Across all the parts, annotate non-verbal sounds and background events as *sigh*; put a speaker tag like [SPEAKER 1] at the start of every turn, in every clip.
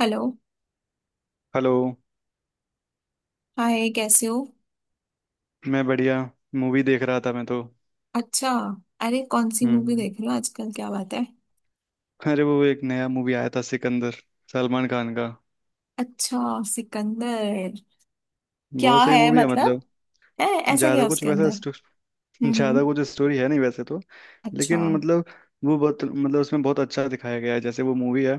[SPEAKER 1] Hello.
[SPEAKER 2] Hello.
[SPEAKER 1] Hi, कैसे हो?
[SPEAKER 2] मैं बढ़िया। मूवी देख रहा था मैं तो।
[SPEAKER 1] अच्छा। अरे, कौन सी मूवी
[SPEAKER 2] हम्म।
[SPEAKER 1] देख रहे हो आजकल? क्या बात है?
[SPEAKER 2] अरे वो एक नया मूवी आया था, सिकंदर, सलमान खान का।
[SPEAKER 1] अच्छा, सिकंदर। क्या
[SPEAKER 2] बहुत सही
[SPEAKER 1] है
[SPEAKER 2] मूवी है
[SPEAKER 1] मतलब?
[SPEAKER 2] मतलब।
[SPEAKER 1] है? ऐसा क्या
[SPEAKER 2] ज्यादा
[SPEAKER 1] है
[SPEAKER 2] कुछ
[SPEAKER 1] उसके
[SPEAKER 2] वैसा
[SPEAKER 1] अंदर?
[SPEAKER 2] स्टो- *laughs*
[SPEAKER 1] हम्म, हम्म।
[SPEAKER 2] ज्यादा कुछ स्टोरी है नहीं वैसे तो।
[SPEAKER 1] अच्छा।
[SPEAKER 2] लेकिन मतलब वो बहुत मतलब उसमें बहुत अच्छा दिखाया गया है। जैसे वो मूवी है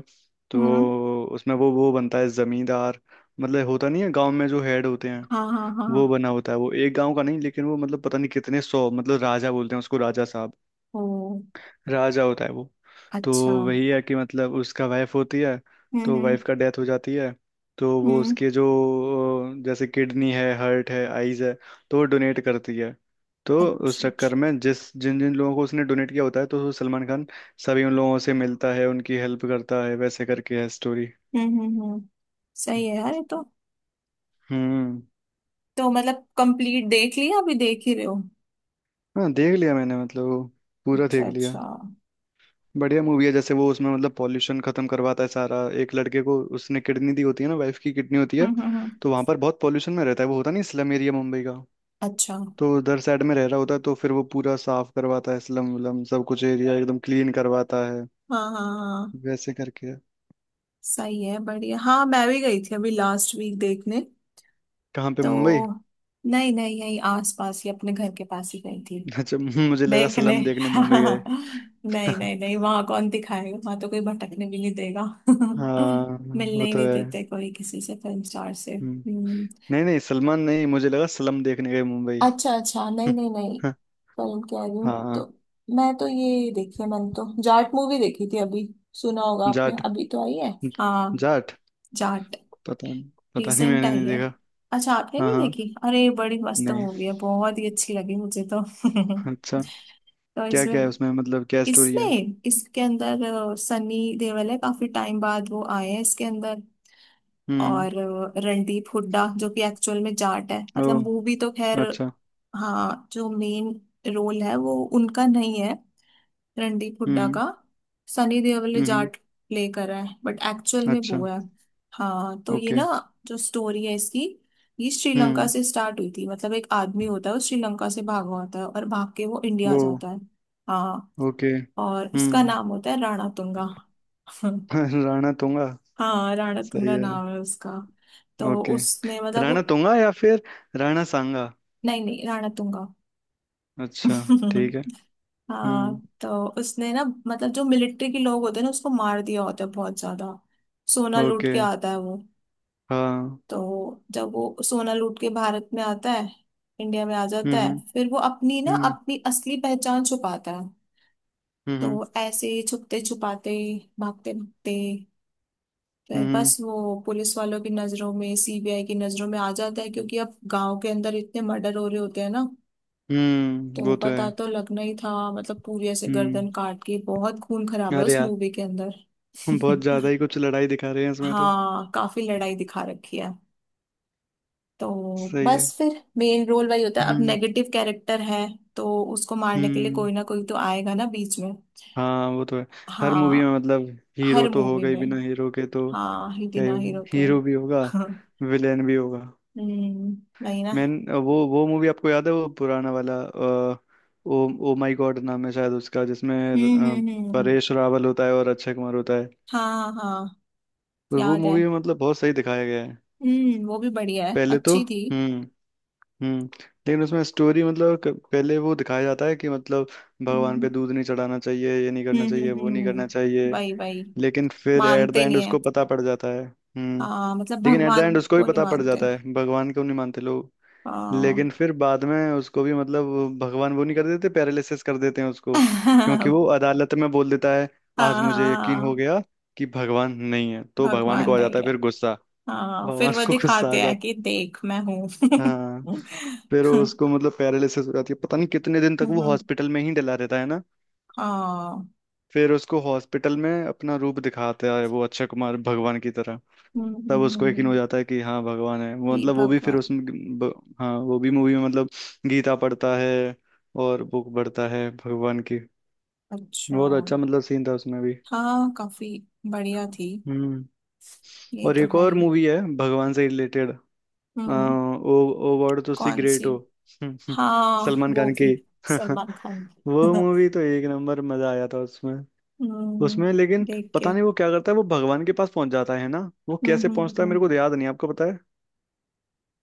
[SPEAKER 2] तो
[SPEAKER 1] हम्म।
[SPEAKER 2] उसमें वो बनता है जमींदार। मतलब होता नहीं है गांव में जो हेड होते हैं,
[SPEAKER 1] हाँ, हाँ,
[SPEAKER 2] वो
[SPEAKER 1] हाँ।
[SPEAKER 2] बना होता है। वो एक गांव का नहीं लेकिन वो मतलब पता नहीं कितने सौ, मतलब राजा बोलते हैं उसको, राजा साहब,
[SPEAKER 1] ओ।
[SPEAKER 2] राजा होता है वो। तो
[SPEAKER 1] अच्छा, हम्म।
[SPEAKER 2] वही है कि मतलब उसका वाइफ होती है, तो
[SPEAKER 1] हम्म,
[SPEAKER 2] वाइफ का डेथ हो जाती है। तो वो
[SPEAKER 1] हम्म।
[SPEAKER 2] उसके जो जैसे किडनी है, हार्ट है, आईज है, तो वो डोनेट करती है। तो उस
[SPEAKER 1] अच्छा,
[SPEAKER 2] चक्कर
[SPEAKER 1] अच्छा।
[SPEAKER 2] में जिस जिन जिन लोगों को उसने डोनेट किया होता है, तो सलमान खान सभी उन लोगों से मिलता है, उनकी हेल्प करता है। वैसे करके है स्टोरी।
[SPEAKER 1] हम्म, हम्म, हम्म। सही है यार, ये तो।
[SPEAKER 2] हम्म।
[SPEAKER 1] तो मतलब कंप्लीट देख लिया, अभी देख ही रहे हो?
[SPEAKER 2] हाँ देख लिया मैंने मतलब वो पूरा
[SPEAKER 1] अच्छा,
[SPEAKER 2] देख लिया।
[SPEAKER 1] अच्छा, हम्म।
[SPEAKER 2] बढ़िया मूवी है। जैसे वो उसमें मतलब पॉल्यूशन खत्म करवाता है सारा। एक लड़के को उसने किडनी दी होती है ना, वाइफ की किडनी होती है।
[SPEAKER 1] हम्म, हम्म।
[SPEAKER 2] तो वहां पर बहुत पॉल्यूशन में रहता है। वो होता नहीं स्लम एरिया मुंबई का,
[SPEAKER 1] अच्छा।
[SPEAKER 2] तो उधर साइड में रह रहा होता है। तो फिर वो पूरा साफ करवाता है स्लम वलम सब कुछ, एरिया एकदम क्लीन करवाता है
[SPEAKER 1] हाँ, हाँ, हाँ।
[SPEAKER 2] वैसे करके।
[SPEAKER 1] सही है, बढ़िया। हाँ, मैं भी गई थी अभी लास्ट वीक देखने।
[SPEAKER 2] कहाँ पे मुंबई?
[SPEAKER 1] तो नहीं नहीं, यही आस पास ही अपने घर के पास ही गई थी।
[SPEAKER 2] *laughs* अच्छा, मुझे लगा
[SPEAKER 1] देखने।
[SPEAKER 2] स्लम देखने मुंबई गए।
[SPEAKER 1] *laughs* नहीं
[SPEAKER 2] *laughs*
[SPEAKER 1] नहीं नहीं, वहां कौन दिखाएगा? वहां तो कोई भटकने भी नहीं देगा।
[SPEAKER 2] हाँ
[SPEAKER 1] *laughs* मिलने
[SPEAKER 2] वो
[SPEAKER 1] ही
[SPEAKER 2] तो
[SPEAKER 1] नहीं
[SPEAKER 2] है।
[SPEAKER 1] देते कोई किसी से फिल्म स्टार से।
[SPEAKER 2] हम्म।
[SPEAKER 1] हम्म।
[SPEAKER 2] नहीं नहीं, सलमान नहीं, मुझे लगा स्लम देखने गए मुंबई।
[SPEAKER 1] अच्छा अच्छा, नहीं
[SPEAKER 2] *laughs*
[SPEAKER 1] नहीं नहीं। फिल्म कह रही हूँ तो।
[SPEAKER 2] हाँ।
[SPEAKER 1] मैं तो ये देखी है, मैंने तो जाट मूवी देखी थी अभी। सुना होगा आपने,
[SPEAKER 2] जाट?
[SPEAKER 1] अभी तो आई है। हाँ,
[SPEAKER 2] जाट?
[SPEAKER 1] जाट।
[SPEAKER 2] पता नहीं। पता नहीं,
[SPEAKER 1] रिसेंट
[SPEAKER 2] मैंने
[SPEAKER 1] आई
[SPEAKER 2] नहीं
[SPEAKER 1] है।
[SPEAKER 2] देखा।
[SPEAKER 1] अच्छा, आपने
[SPEAKER 2] हाँ
[SPEAKER 1] नहीं
[SPEAKER 2] हाँ।
[SPEAKER 1] देखी? अरे, बड़ी मस्त
[SPEAKER 2] नहीं।
[SPEAKER 1] मूवी है, बहुत ही अच्छी लगी मुझे तो।
[SPEAKER 2] अच्छा।
[SPEAKER 1] *laughs* तो
[SPEAKER 2] क्या
[SPEAKER 1] इसमें
[SPEAKER 2] क्या है उसमें, मतलब क्या स्टोरी है?
[SPEAKER 1] इसमें इसके अंदर सनी देओल है, काफी टाइम बाद वो आए हैं इसके अंदर।
[SPEAKER 2] हम्म।
[SPEAKER 1] और रणदीप हुड्डा, जो कि एक्चुअल में जाट है,
[SPEAKER 2] ओ।
[SPEAKER 1] मतलब मूवी तो खैर।
[SPEAKER 2] अच्छा।
[SPEAKER 1] हाँ, जो मेन रोल है वो उनका नहीं है, रणदीप हुड्डा
[SPEAKER 2] हम्म
[SPEAKER 1] का। सनी देओल ने
[SPEAKER 2] हम्म।
[SPEAKER 1] जाट प्ले करा है, बट एक्चुअल में
[SPEAKER 2] अच्छा।
[SPEAKER 1] वो है। हाँ तो ये
[SPEAKER 2] ओके।
[SPEAKER 1] ना, जो स्टोरी है इसकी, ये श्रीलंका
[SPEAKER 2] हम्म।
[SPEAKER 1] से स्टार्ट हुई थी। मतलब एक आदमी होता है, वो श्रीलंका से भागा होता है और भाग के वो इंडिया आ
[SPEAKER 2] वो।
[SPEAKER 1] जाता है। हाँ।
[SPEAKER 2] ओके।
[SPEAKER 1] और उसका
[SPEAKER 2] हम्म।
[SPEAKER 1] नाम होता है राणा तुंगा। *laughs*
[SPEAKER 2] *laughs* राणा तुंगा?
[SPEAKER 1] हाँ, राणा
[SPEAKER 2] सही
[SPEAKER 1] तुंगा
[SPEAKER 2] है।
[SPEAKER 1] नाम है उसका। तो
[SPEAKER 2] ओके।
[SPEAKER 1] उसने मतलब वो।
[SPEAKER 2] राणा तुंगा या फिर राणा सांगा?
[SPEAKER 1] नहीं नहीं, राणा तुंगा।
[SPEAKER 2] अच्छा, ठीक है।
[SPEAKER 1] *laughs*
[SPEAKER 2] हम्म।
[SPEAKER 1] हाँ तो उसने ना, मतलब जो मिलिट्री के लोग होते हैं ना, उसको मार दिया होता है बहुत ज्यादा। सोना लूट
[SPEAKER 2] ओके।
[SPEAKER 1] के आता है वो।
[SPEAKER 2] हाँ।
[SPEAKER 1] तो जब वो सोना लूट के भारत में आता है, इंडिया में आ जाता है,
[SPEAKER 2] हम्म
[SPEAKER 1] फिर वो अपनी ना
[SPEAKER 2] हम्म
[SPEAKER 1] अपनी असली पहचान छुपाता है।
[SPEAKER 2] हम्म।
[SPEAKER 1] तो ऐसे ही छुपते छुपाते, भागते भागते, फिर
[SPEAKER 2] हम्म।
[SPEAKER 1] बस वो पुलिस वालों की नजरों में, सीबीआई की नजरों में आ जाता है। क्योंकि अब गांव के अंदर इतने मर्डर हो रहे होते हैं ना, तो
[SPEAKER 2] वो तो
[SPEAKER 1] पता
[SPEAKER 2] है।
[SPEAKER 1] तो लगना ही था। मतलब पूरी ऐसे
[SPEAKER 2] हम्म।
[SPEAKER 1] गर्दन काट के, बहुत खून खराब है
[SPEAKER 2] अरे
[SPEAKER 1] उस
[SPEAKER 2] यार,
[SPEAKER 1] मूवी के अंदर।
[SPEAKER 2] हम बहुत ज्यादा
[SPEAKER 1] *laughs*
[SPEAKER 2] ही कुछ लड़ाई दिखा रहे हैं इसमें तो।
[SPEAKER 1] हाँ, काफी लड़ाई दिखा रखी है। तो
[SPEAKER 2] सही है।
[SPEAKER 1] बस फिर मेन रोल वही होता है, अब
[SPEAKER 2] हम्म
[SPEAKER 1] नेगेटिव कैरेक्टर है। तो उसको मारने के लिए
[SPEAKER 2] हम्म।
[SPEAKER 1] कोई ना कोई तो आएगा ना बीच में।
[SPEAKER 2] हाँ वो तो है। हर मूवी में
[SPEAKER 1] हाँ,
[SPEAKER 2] मतलब हीरो
[SPEAKER 1] हर
[SPEAKER 2] तो
[SPEAKER 1] मूवी
[SPEAKER 2] होगा ही,
[SPEAKER 1] में।
[SPEAKER 2] बिना हीरो के तो
[SPEAKER 1] हाँ ही,
[SPEAKER 2] क्या ही
[SPEAKER 1] बिना
[SPEAKER 2] होगा।
[SPEAKER 1] हीरो के।
[SPEAKER 2] हीरो भी होगा,
[SPEAKER 1] *laughs*
[SPEAKER 2] विलेन भी होगा।
[SPEAKER 1] हम्म, वही ना।
[SPEAKER 2] मैन। वो मूवी आपको याद है वो पुराना वाला ओ ओ माय गॉड नाम है शायद उसका, जिसमें
[SPEAKER 1] हम्म,
[SPEAKER 2] अ,
[SPEAKER 1] हम्म, हम्म।
[SPEAKER 2] परेश रावल होता है और अक्षय कुमार होता है।
[SPEAKER 1] हाँ हाँ,
[SPEAKER 2] तो वो
[SPEAKER 1] याद है।
[SPEAKER 2] मूवी में मतलब बहुत सही दिखाया गया है।
[SPEAKER 1] हम्म, वो भी बढ़िया है,
[SPEAKER 2] पहले तो
[SPEAKER 1] अच्छी थी।
[SPEAKER 2] हम्म। हम्म। लेकिन उसमें स्टोरी मतलब पहले वो दिखाया जाता है कि मतलब भगवान
[SPEAKER 1] हम्म,
[SPEAKER 2] पे दूध नहीं चढ़ाना चाहिए, ये नहीं करना
[SPEAKER 1] हम्म,
[SPEAKER 2] चाहिए,
[SPEAKER 1] हम्म।
[SPEAKER 2] वो नहीं करना
[SPEAKER 1] हम्म,
[SPEAKER 2] चाहिए।
[SPEAKER 1] वही वही।
[SPEAKER 2] लेकिन फिर एट द
[SPEAKER 1] मानते
[SPEAKER 2] एंड
[SPEAKER 1] नहीं है।
[SPEAKER 2] उसको पता पड़ जाता है। हम्म।
[SPEAKER 1] हाँ मतलब
[SPEAKER 2] लेकिन एट द एंड
[SPEAKER 1] भगवान
[SPEAKER 2] उसको भी
[SPEAKER 1] को नहीं
[SPEAKER 2] पता पड़
[SPEAKER 1] मानते।
[SPEAKER 2] जाता है भगवान को नहीं मानते लोग।
[SPEAKER 1] हाँ।
[SPEAKER 2] लेकिन फिर बाद में उसको भी मतलब भगवान वो नहीं कर देते, पैरालिसिस कर देते हैं
[SPEAKER 1] *laughs*
[SPEAKER 2] उसको, क्योंकि
[SPEAKER 1] हाँ,
[SPEAKER 2] वो अदालत में बोल देता है आज मुझे यकीन हो
[SPEAKER 1] हाँ।
[SPEAKER 2] गया कि भगवान नहीं है। तो भगवान
[SPEAKER 1] भगवान
[SPEAKER 2] को आ
[SPEAKER 1] नहीं
[SPEAKER 2] जाता है
[SPEAKER 1] है।
[SPEAKER 2] फिर गुस्सा।
[SPEAKER 1] हाँ,
[SPEAKER 2] भगवान
[SPEAKER 1] फिर वो
[SPEAKER 2] को गुस्सा आ
[SPEAKER 1] दिखाते हैं
[SPEAKER 2] जाता
[SPEAKER 1] कि देख मैं
[SPEAKER 2] है। हाँ।
[SPEAKER 1] हूँ।
[SPEAKER 2] फिर वो
[SPEAKER 1] *laughs*
[SPEAKER 2] उसको मतलब पैरालिसिस हो जाती है, पता नहीं कितने दिन तक वो हॉस्पिटल में ही डला रहता है ना।
[SPEAKER 1] हाँ।
[SPEAKER 2] फिर उसको हॉस्पिटल में अपना रूप दिखाता है वो अक्षय कुमार, भगवान की तरह। तब उसको यकीन हो
[SPEAKER 1] हम्म।
[SPEAKER 2] जाता है कि हाँ भगवान है। वो
[SPEAKER 1] कि
[SPEAKER 2] मतलब वो भी फिर
[SPEAKER 1] भगवान।
[SPEAKER 2] उसमें हाँ वो भी मूवी में मतलब गीता पढ़ता है और बुक पढ़ता है भगवान की।
[SPEAKER 1] अच्छा।
[SPEAKER 2] बहुत अच्छा मतलब सीन था उसमें भी।
[SPEAKER 1] हाँ, काफी बढ़िया थी।
[SPEAKER 2] हम्म।
[SPEAKER 1] ये
[SPEAKER 2] और
[SPEAKER 1] तो
[SPEAKER 2] एक
[SPEAKER 1] है
[SPEAKER 2] और
[SPEAKER 1] ही।
[SPEAKER 2] मूवी है भगवान से रिलेटेड। आ,
[SPEAKER 1] हम्म।
[SPEAKER 2] ओ, ओ वर्ड तो सी
[SPEAKER 1] कौन
[SPEAKER 2] ग्रेट
[SPEAKER 1] सी?
[SPEAKER 2] हो। *laughs*
[SPEAKER 1] हाँ,
[SPEAKER 2] सलमान
[SPEAKER 1] वो
[SPEAKER 2] खान
[SPEAKER 1] भी,
[SPEAKER 2] की।
[SPEAKER 1] सलमान खान
[SPEAKER 2] *laughs* वो
[SPEAKER 1] की। *laughs*
[SPEAKER 2] मूवी तो एक नंबर, मजा आया था उसमें।
[SPEAKER 1] हम्म,
[SPEAKER 2] उसमें लेकिन
[SPEAKER 1] देख के।
[SPEAKER 2] पता नहीं वो क्या करता है, वो भगवान के पास पहुंच जाता है ना। वो
[SPEAKER 1] हम्म,
[SPEAKER 2] कैसे
[SPEAKER 1] हम्म,
[SPEAKER 2] पहुंचता है
[SPEAKER 1] हम्म।
[SPEAKER 2] मेरे को तो याद नहीं, आपको पता?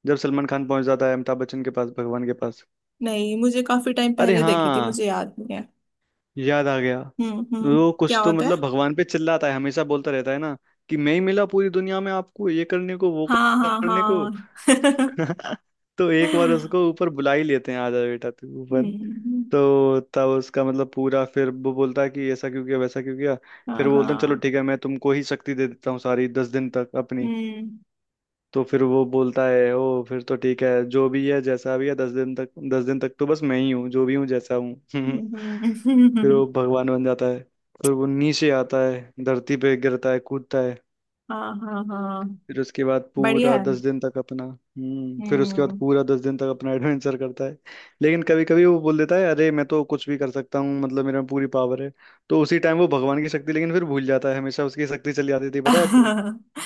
[SPEAKER 2] जब सलमान खान पहुंच जाता है अमिताभ बच्चन के पास, भगवान के पास।
[SPEAKER 1] नहीं, मुझे काफी टाइम
[SPEAKER 2] अरे
[SPEAKER 1] पहले
[SPEAKER 2] हाँ,
[SPEAKER 1] देखी थी, मुझे याद नहीं है।
[SPEAKER 2] याद आ गया।
[SPEAKER 1] हम्म, हम्म।
[SPEAKER 2] वो
[SPEAKER 1] क्या
[SPEAKER 2] कुछ तो
[SPEAKER 1] होता है?
[SPEAKER 2] मतलब भगवान पे चिल्लाता है, हमेशा बोलता रहता है ना कि मैं ही मिला पूरी दुनिया में आपको ये करने को, वो
[SPEAKER 1] हाँ, हाँ,
[SPEAKER 2] करने को।
[SPEAKER 1] हाँ। *laughs*
[SPEAKER 2] *laughs* तो एक बार उसको ऊपर बुला ही लेते हैं, आ जा बेटा तू ऊपर।
[SPEAKER 1] हम्म।
[SPEAKER 2] तो तब उसका मतलब पूरा, फिर वो बोलता है कि ऐसा क्यों किया, वैसा क्यों किया। फिर
[SPEAKER 1] हाँ
[SPEAKER 2] वो बोलते हैं चलो
[SPEAKER 1] हाँ।
[SPEAKER 2] ठीक है, मैं तुमको ही शक्ति दे देता हूँ सारी, 10 दिन तक अपनी।
[SPEAKER 1] हम्म,
[SPEAKER 2] तो फिर वो बोलता है ओ फिर तो ठीक है, जो भी है जैसा भी है 10 दिन तक, 10 दिन तक तो बस मैं ही हूँ, जो भी हूँ जैसा हूँ। *laughs* फिर
[SPEAKER 1] हम्म।
[SPEAKER 2] वो भगवान बन जाता है। फिर वो नीचे आता है, धरती पे गिरता है, कूदता है।
[SPEAKER 1] *laughs* हाँ, हाँ, हाँ।
[SPEAKER 2] फिर उसके बाद
[SPEAKER 1] बढ़िया
[SPEAKER 2] पूरा
[SPEAKER 1] है।
[SPEAKER 2] 10 दिन तक अपना हम्म, फिर उसके बाद
[SPEAKER 1] हम्म।
[SPEAKER 2] पूरा दस दिन तक अपना *laughs* एडवेंचर करता है। लेकिन कभी कभी वो बोल देता है अरे मैं तो कुछ भी कर सकता हूँ, मतलब मेरे में पूरी पावर है। तो उसी टाइम वो भगवान की शक्ति लेकिन फिर भूल जाता है, हमेशा उसकी शक्ति चली जाती थी, पता है आपको।
[SPEAKER 1] *laughs*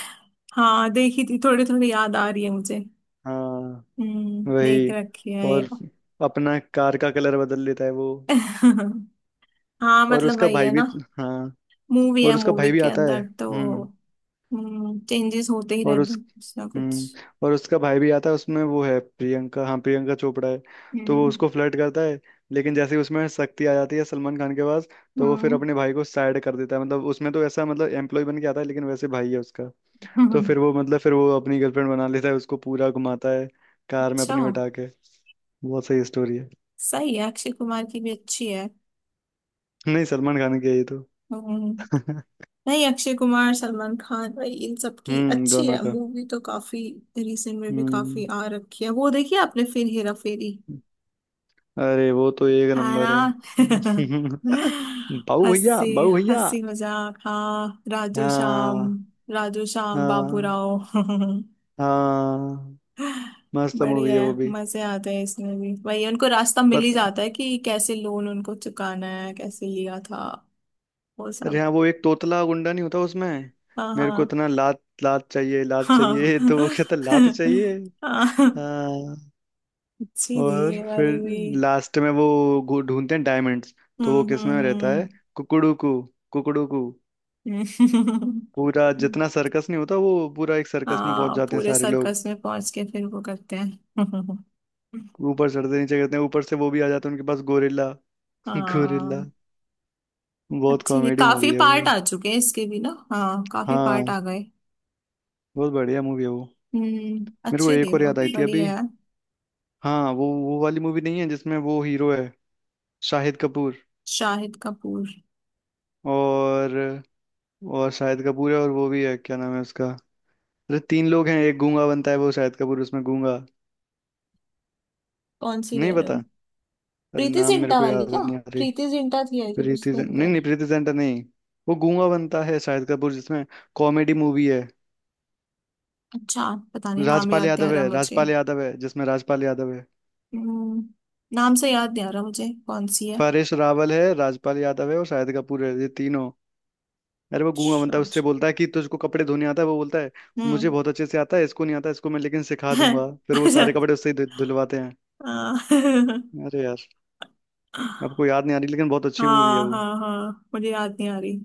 [SPEAKER 1] हाँ, देखी थी, थोड़ी थोड़ी याद आ रही है मुझे।
[SPEAKER 2] हाँ,
[SPEAKER 1] हम्म, देख
[SPEAKER 2] वही।
[SPEAKER 1] रखी है ये।
[SPEAKER 2] और अपना कार का कलर बदल लेता है वो।
[SPEAKER 1] *laughs* हाँ,
[SPEAKER 2] और
[SPEAKER 1] मतलब
[SPEAKER 2] उसका
[SPEAKER 1] वही
[SPEAKER 2] भाई
[SPEAKER 1] है
[SPEAKER 2] भी।
[SPEAKER 1] ना,
[SPEAKER 2] हाँ
[SPEAKER 1] मूवी है।
[SPEAKER 2] और उसका
[SPEAKER 1] मूवी
[SPEAKER 2] भाई भी
[SPEAKER 1] के
[SPEAKER 2] आता है।
[SPEAKER 1] अंदर तो
[SPEAKER 2] हम्म।
[SPEAKER 1] चेंजेस होते ही
[SPEAKER 2] और
[SPEAKER 1] रहते
[SPEAKER 2] उस
[SPEAKER 1] हैं, कुछ ना कुछ।
[SPEAKER 2] हम्म। और उसका भाई भी आता है उसमें। वो है प्रियंका, हाँ प्रियंका चोपड़ा है। तो वो
[SPEAKER 1] हम्म,
[SPEAKER 2] उसको फ्लर्ट करता है, लेकिन जैसे ही उसमें शक्ति आ जाती है सलमान खान के पास, तो वो फिर
[SPEAKER 1] हम्म।
[SPEAKER 2] अपने भाई को साइड कर देता है। मतलब उसमें तो ऐसा मतलब एम्प्लॉय बन के आता है, लेकिन वैसे भाई है उसका। तो फिर
[SPEAKER 1] *laughs*
[SPEAKER 2] वो मतलब फिर वो अपनी गर्लफ्रेंड बना लेता है उसको, पूरा घुमाता है कार में
[SPEAKER 1] अच्छा।
[SPEAKER 2] अपनी बिठा के। बहुत सही स्टोरी है।
[SPEAKER 1] सही है, अक्षय कुमार की भी अच्छी है।
[SPEAKER 2] नहीं सलमान खान की है ये तो।
[SPEAKER 1] हम्म।
[SPEAKER 2] *laughs*
[SPEAKER 1] नहीं, अक्षय कुमार सलमान खान भाई इन सब की
[SPEAKER 2] हम्म,
[SPEAKER 1] अच्छी
[SPEAKER 2] दोनों
[SPEAKER 1] है
[SPEAKER 2] का।
[SPEAKER 1] मूवी तो काफी। रिसेंट में भी
[SPEAKER 2] हम्म।
[SPEAKER 1] काफी आ रखी है। वो देखी आपने फिर, हेरा फेरी?
[SPEAKER 2] अरे वो तो एक
[SPEAKER 1] है ना।
[SPEAKER 2] नंबर है।
[SPEAKER 1] *laughs*
[SPEAKER 2] *laughs* बाबू भैया,
[SPEAKER 1] हंसी।
[SPEAKER 2] बाबू भैया।
[SPEAKER 1] हंसी मजाक। हाँ, राजू श्याम।
[SPEAKER 2] हाँ।
[SPEAKER 1] राजू श्याम बाबू
[SPEAKER 2] हाँ।
[SPEAKER 1] राव। *laughs*
[SPEAKER 2] हाँ मस्त मूवी
[SPEAKER 1] बढ़िया
[SPEAKER 2] है
[SPEAKER 1] है,
[SPEAKER 2] वो भी।
[SPEAKER 1] मजे आते हैं। इसमें भी वही, उनको रास्ता मिल
[SPEAKER 2] पर
[SPEAKER 1] ही जाता है कि कैसे लोन उनको चुकाना है, कैसे लिया था, वो
[SPEAKER 2] अरे
[SPEAKER 1] सब।
[SPEAKER 2] हाँ, वो एक तोतला गुंडा नहीं होता उसमें,
[SPEAKER 1] हाँ
[SPEAKER 2] मेरे को
[SPEAKER 1] हाँ
[SPEAKER 2] इतना लात लात चाहिए, लात
[SPEAKER 1] हाँ।
[SPEAKER 2] चाहिए। *laughs* तो वो कहता लात चाहिए।
[SPEAKER 1] हाँ।
[SPEAKER 2] हाँ।
[SPEAKER 1] अच्छी थी
[SPEAKER 2] और
[SPEAKER 1] ये वाली
[SPEAKER 2] फिर
[SPEAKER 1] भी।
[SPEAKER 2] लास्ट में वो ढूंढते हैं डायमंड्स। तो वो
[SPEAKER 1] हम्म,
[SPEAKER 2] किस में रहता
[SPEAKER 1] हम्म,
[SPEAKER 2] है, कुकड़ू कू, कुकड़ू।
[SPEAKER 1] हम्म।
[SPEAKER 2] पूरा जितना सर्कस नहीं होता, वो पूरा एक सर्कस में पहुंच
[SPEAKER 1] हाँ,
[SPEAKER 2] जाते हैं
[SPEAKER 1] पूरे
[SPEAKER 2] सारे लोग।
[SPEAKER 1] सर्कस में पहुंच के फिर वो करते हैं।
[SPEAKER 2] ऊपर चढ़ते, नीचे गिरते हैं, ऊपर से वो भी आ जाते हैं उनके पास, गोरिल्ला, गोरिल्ला।
[SPEAKER 1] हाँ।
[SPEAKER 2] *laughs* बहुत
[SPEAKER 1] अच्छी थी,
[SPEAKER 2] कॉमेडी
[SPEAKER 1] काफी
[SPEAKER 2] मूवी है
[SPEAKER 1] पार्ट
[SPEAKER 2] वो।
[SPEAKER 1] आ चुके हैं इसके भी ना। हाँ, काफी पार्ट
[SPEAKER 2] हाँ,
[SPEAKER 1] आ गए।
[SPEAKER 2] बहुत बढ़िया मूवी है वो।
[SPEAKER 1] हम्म,
[SPEAKER 2] मेरे को
[SPEAKER 1] अच्छी थी
[SPEAKER 2] एक और
[SPEAKER 1] वो,
[SPEAKER 2] याद आई थी अभी।
[SPEAKER 1] बढ़िया है।
[SPEAKER 2] हाँ, वो वाली मूवी नहीं है जिसमें वो हीरो है, शाहिद कपूर।
[SPEAKER 1] शाहिद कपूर।
[SPEAKER 2] और और शाहिद कपूर है, और वो भी है क्या नाम है उसका। अरे तीन लोग हैं, एक गूंगा बनता है वो शाहिद कपूर उसमें, गूंगा।
[SPEAKER 1] कौन सी
[SPEAKER 2] नहीं
[SPEAKER 1] कह रहे
[SPEAKER 2] पता।
[SPEAKER 1] हो?
[SPEAKER 2] अरे
[SPEAKER 1] प्रीति
[SPEAKER 2] नाम मेरे
[SPEAKER 1] जिंटा
[SPEAKER 2] को
[SPEAKER 1] वाली
[SPEAKER 2] याद
[SPEAKER 1] क्या?
[SPEAKER 2] नहीं आ रही।
[SPEAKER 1] प्रीति जिंटा थी आई थिंक उसके
[SPEAKER 2] नहीं
[SPEAKER 1] अंदर।
[SPEAKER 2] नहीं, प्रीति जिंटा नहीं। वो गूंगा बनता है शाहिद कपूर जिसमें। कॉमेडी मूवी है।
[SPEAKER 1] अच्छा, पता नहीं, नाम
[SPEAKER 2] राजपाल
[SPEAKER 1] याद नहीं आ
[SPEAKER 2] यादव
[SPEAKER 1] रहा
[SPEAKER 2] है,
[SPEAKER 1] मुझे।
[SPEAKER 2] राजपाल यादव है जिसमें, राजपाल यादव है।
[SPEAKER 1] हम्म, नाम से याद नहीं आ रहा मुझे कौन सी है।
[SPEAKER 2] परेश रावल है, राजपाल यादव है और शाहिद कपूर है, ये तीनों। अरे वो गूंगा
[SPEAKER 1] अच्छा,
[SPEAKER 2] बनता है, उससे
[SPEAKER 1] अच्छा।
[SPEAKER 2] बोलता है कि तुझको कपड़े धोने आता है, वो बोलता है मुझे
[SPEAKER 1] हम्म।
[SPEAKER 2] बहुत अच्छे से आता है, इसको नहीं आता इसको, मैं लेकिन सिखा
[SPEAKER 1] *laughs*
[SPEAKER 2] दूंगा। फिर वो
[SPEAKER 1] अच्छा।
[SPEAKER 2] सारे कपड़े उससे ही धुलवाते हैं।
[SPEAKER 1] हाँ। *laughs*
[SPEAKER 2] अरे यार, आपको याद नहीं आ रही, लेकिन बहुत अच्छी मूवी है
[SPEAKER 1] हाँ
[SPEAKER 2] वो।
[SPEAKER 1] हाँ हाँ, मुझे याद नहीं आ रही।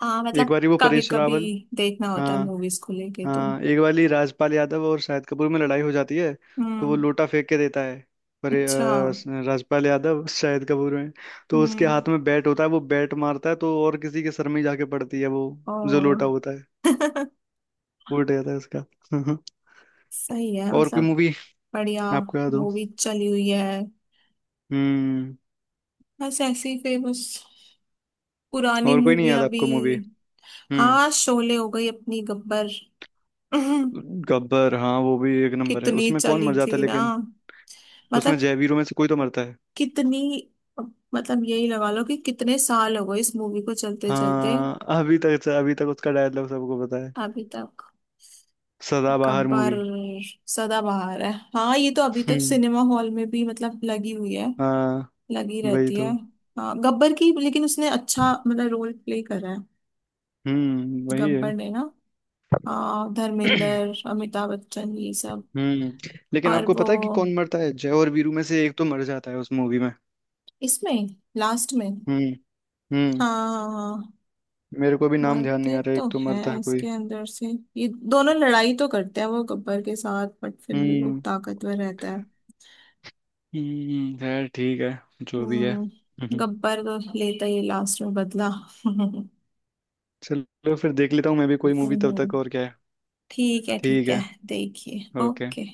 [SPEAKER 1] हाँ,
[SPEAKER 2] एक
[SPEAKER 1] मतलब
[SPEAKER 2] बार वो
[SPEAKER 1] कभी
[SPEAKER 2] परेश
[SPEAKER 1] कभी
[SPEAKER 2] रावल।
[SPEAKER 1] देखना होता है
[SPEAKER 2] हाँ
[SPEAKER 1] मूवीज को लेके तो।
[SPEAKER 2] हाँ। एक वाली राजपाल यादव और शाहिद कपूर में लड़ाई हो जाती है। तो वो
[SPEAKER 1] हम्म।
[SPEAKER 2] लोटा फेंक के देता है पर
[SPEAKER 1] अच्छा।
[SPEAKER 2] राजपाल यादव *laughs* शाहिद कपूर में। तो उसके
[SPEAKER 1] हम्म।
[SPEAKER 2] हाथ में बैट होता है, वो बैट मारता है तो और किसी के सर में ही जाके पड़ती है वो, जो
[SPEAKER 1] और।
[SPEAKER 2] लोटा होता है,
[SPEAKER 1] *laughs*
[SPEAKER 2] उल्ट जाता है उसका। *laughs*
[SPEAKER 1] सही है,
[SPEAKER 2] और कोई
[SPEAKER 1] मतलब।
[SPEAKER 2] मूवी
[SPEAKER 1] बढ़िया।
[SPEAKER 2] आपको याद हो?
[SPEAKER 1] मूवी चली हुई है,
[SPEAKER 2] हम्म।
[SPEAKER 1] बस ऐसी फेमस पुरानी
[SPEAKER 2] और कोई नहीं याद
[SPEAKER 1] मूवियां भी।
[SPEAKER 2] आपको मूवी? हम्म।
[SPEAKER 1] हाँ, शोले हो गई अपनी, गब्बर। *laughs*
[SPEAKER 2] गब्बर, हाँ वो भी एक नंबर है।
[SPEAKER 1] कितनी
[SPEAKER 2] उसमें कौन
[SPEAKER 1] चली
[SPEAKER 2] मर जाता है
[SPEAKER 1] थी ना,
[SPEAKER 2] लेकिन, उसमें
[SPEAKER 1] मतलब
[SPEAKER 2] जयवीरों में से कोई तो मरता है।
[SPEAKER 1] कितनी, मतलब यही लगा लो कि कितने साल हो गए इस मूवी को चलते चलते।
[SPEAKER 2] हाँ, अभी तक, अभी तक उसका डायलॉग सबको पता है।
[SPEAKER 1] अभी तक।
[SPEAKER 2] सदाबहार
[SPEAKER 1] गब्बर।
[SPEAKER 2] मूवी।
[SPEAKER 1] सदाबहार है, हाँ, ये तो अभी तक
[SPEAKER 2] हम्म।
[SPEAKER 1] सिनेमा हॉल में भी मतलब लगी हुई है,
[SPEAKER 2] हाँ,
[SPEAKER 1] लगी
[SPEAKER 2] वही
[SPEAKER 1] रहती है।
[SPEAKER 2] तो।
[SPEAKER 1] हाँ, गब्बर की, लेकिन उसने अच्छा मतलब रोल प्ले करा है,
[SPEAKER 2] हम्म, वही है।
[SPEAKER 1] गब्बर ने ना। हाँ,
[SPEAKER 2] *clears throat*
[SPEAKER 1] धर्मेंद्र, अमिताभ बच्चन, ये सब।
[SPEAKER 2] हम्म। लेकिन
[SPEAKER 1] और
[SPEAKER 2] आपको
[SPEAKER 1] वो,
[SPEAKER 2] पता है कि कौन मरता है, जय और वीरू में से एक तो मर जाता है उस मूवी में।
[SPEAKER 1] इसमें, लास्ट में।
[SPEAKER 2] हम्म हम्म।
[SPEAKER 1] हाँ, हाँ, हाँ।
[SPEAKER 2] मेरे को भी नाम ध्यान नहीं
[SPEAKER 1] मरते
[SPEAKER 2] आ रहा,
[SPEAKER 1] तो
[SPEAKER 2] एक तो मरता
[SPEAKER 1] हैं
[SPEAKER 2] है कोई।
[SPEAKER 1] इसके अंदर से। ये दोनों लड़ाई तो करते हैं वो गब्बर के साथ, बट फिर भी वो
[SPEAKER 2] हम्म।
[SPEAKER 1] ताकतवर रहता है।
[SPEAKER 2] हम्म, खैर ठीक है, जो भी है। *laughs*
[SPEAKER 1] हम्म,
[SPEAKER 2] हम्म।
[SPEAKER 1] गब्बर तो लेता ही लास्ट में बदला। *laughs* हम्म।
[SPEAKER 2] चलो फिर देख लेता हूँ मैं भी कोई मूवी तब तक, और क्या है।
[SPEAKER 1] ठीक है, ठीक
[SPEAKER 2] ठीक
[SPEAKER 1] है।
[SPEAKER 2] है।
[SPEAKER 1] देखिए,
[SPEAKER 2] ओके।
[SPEAKER 1] ओके।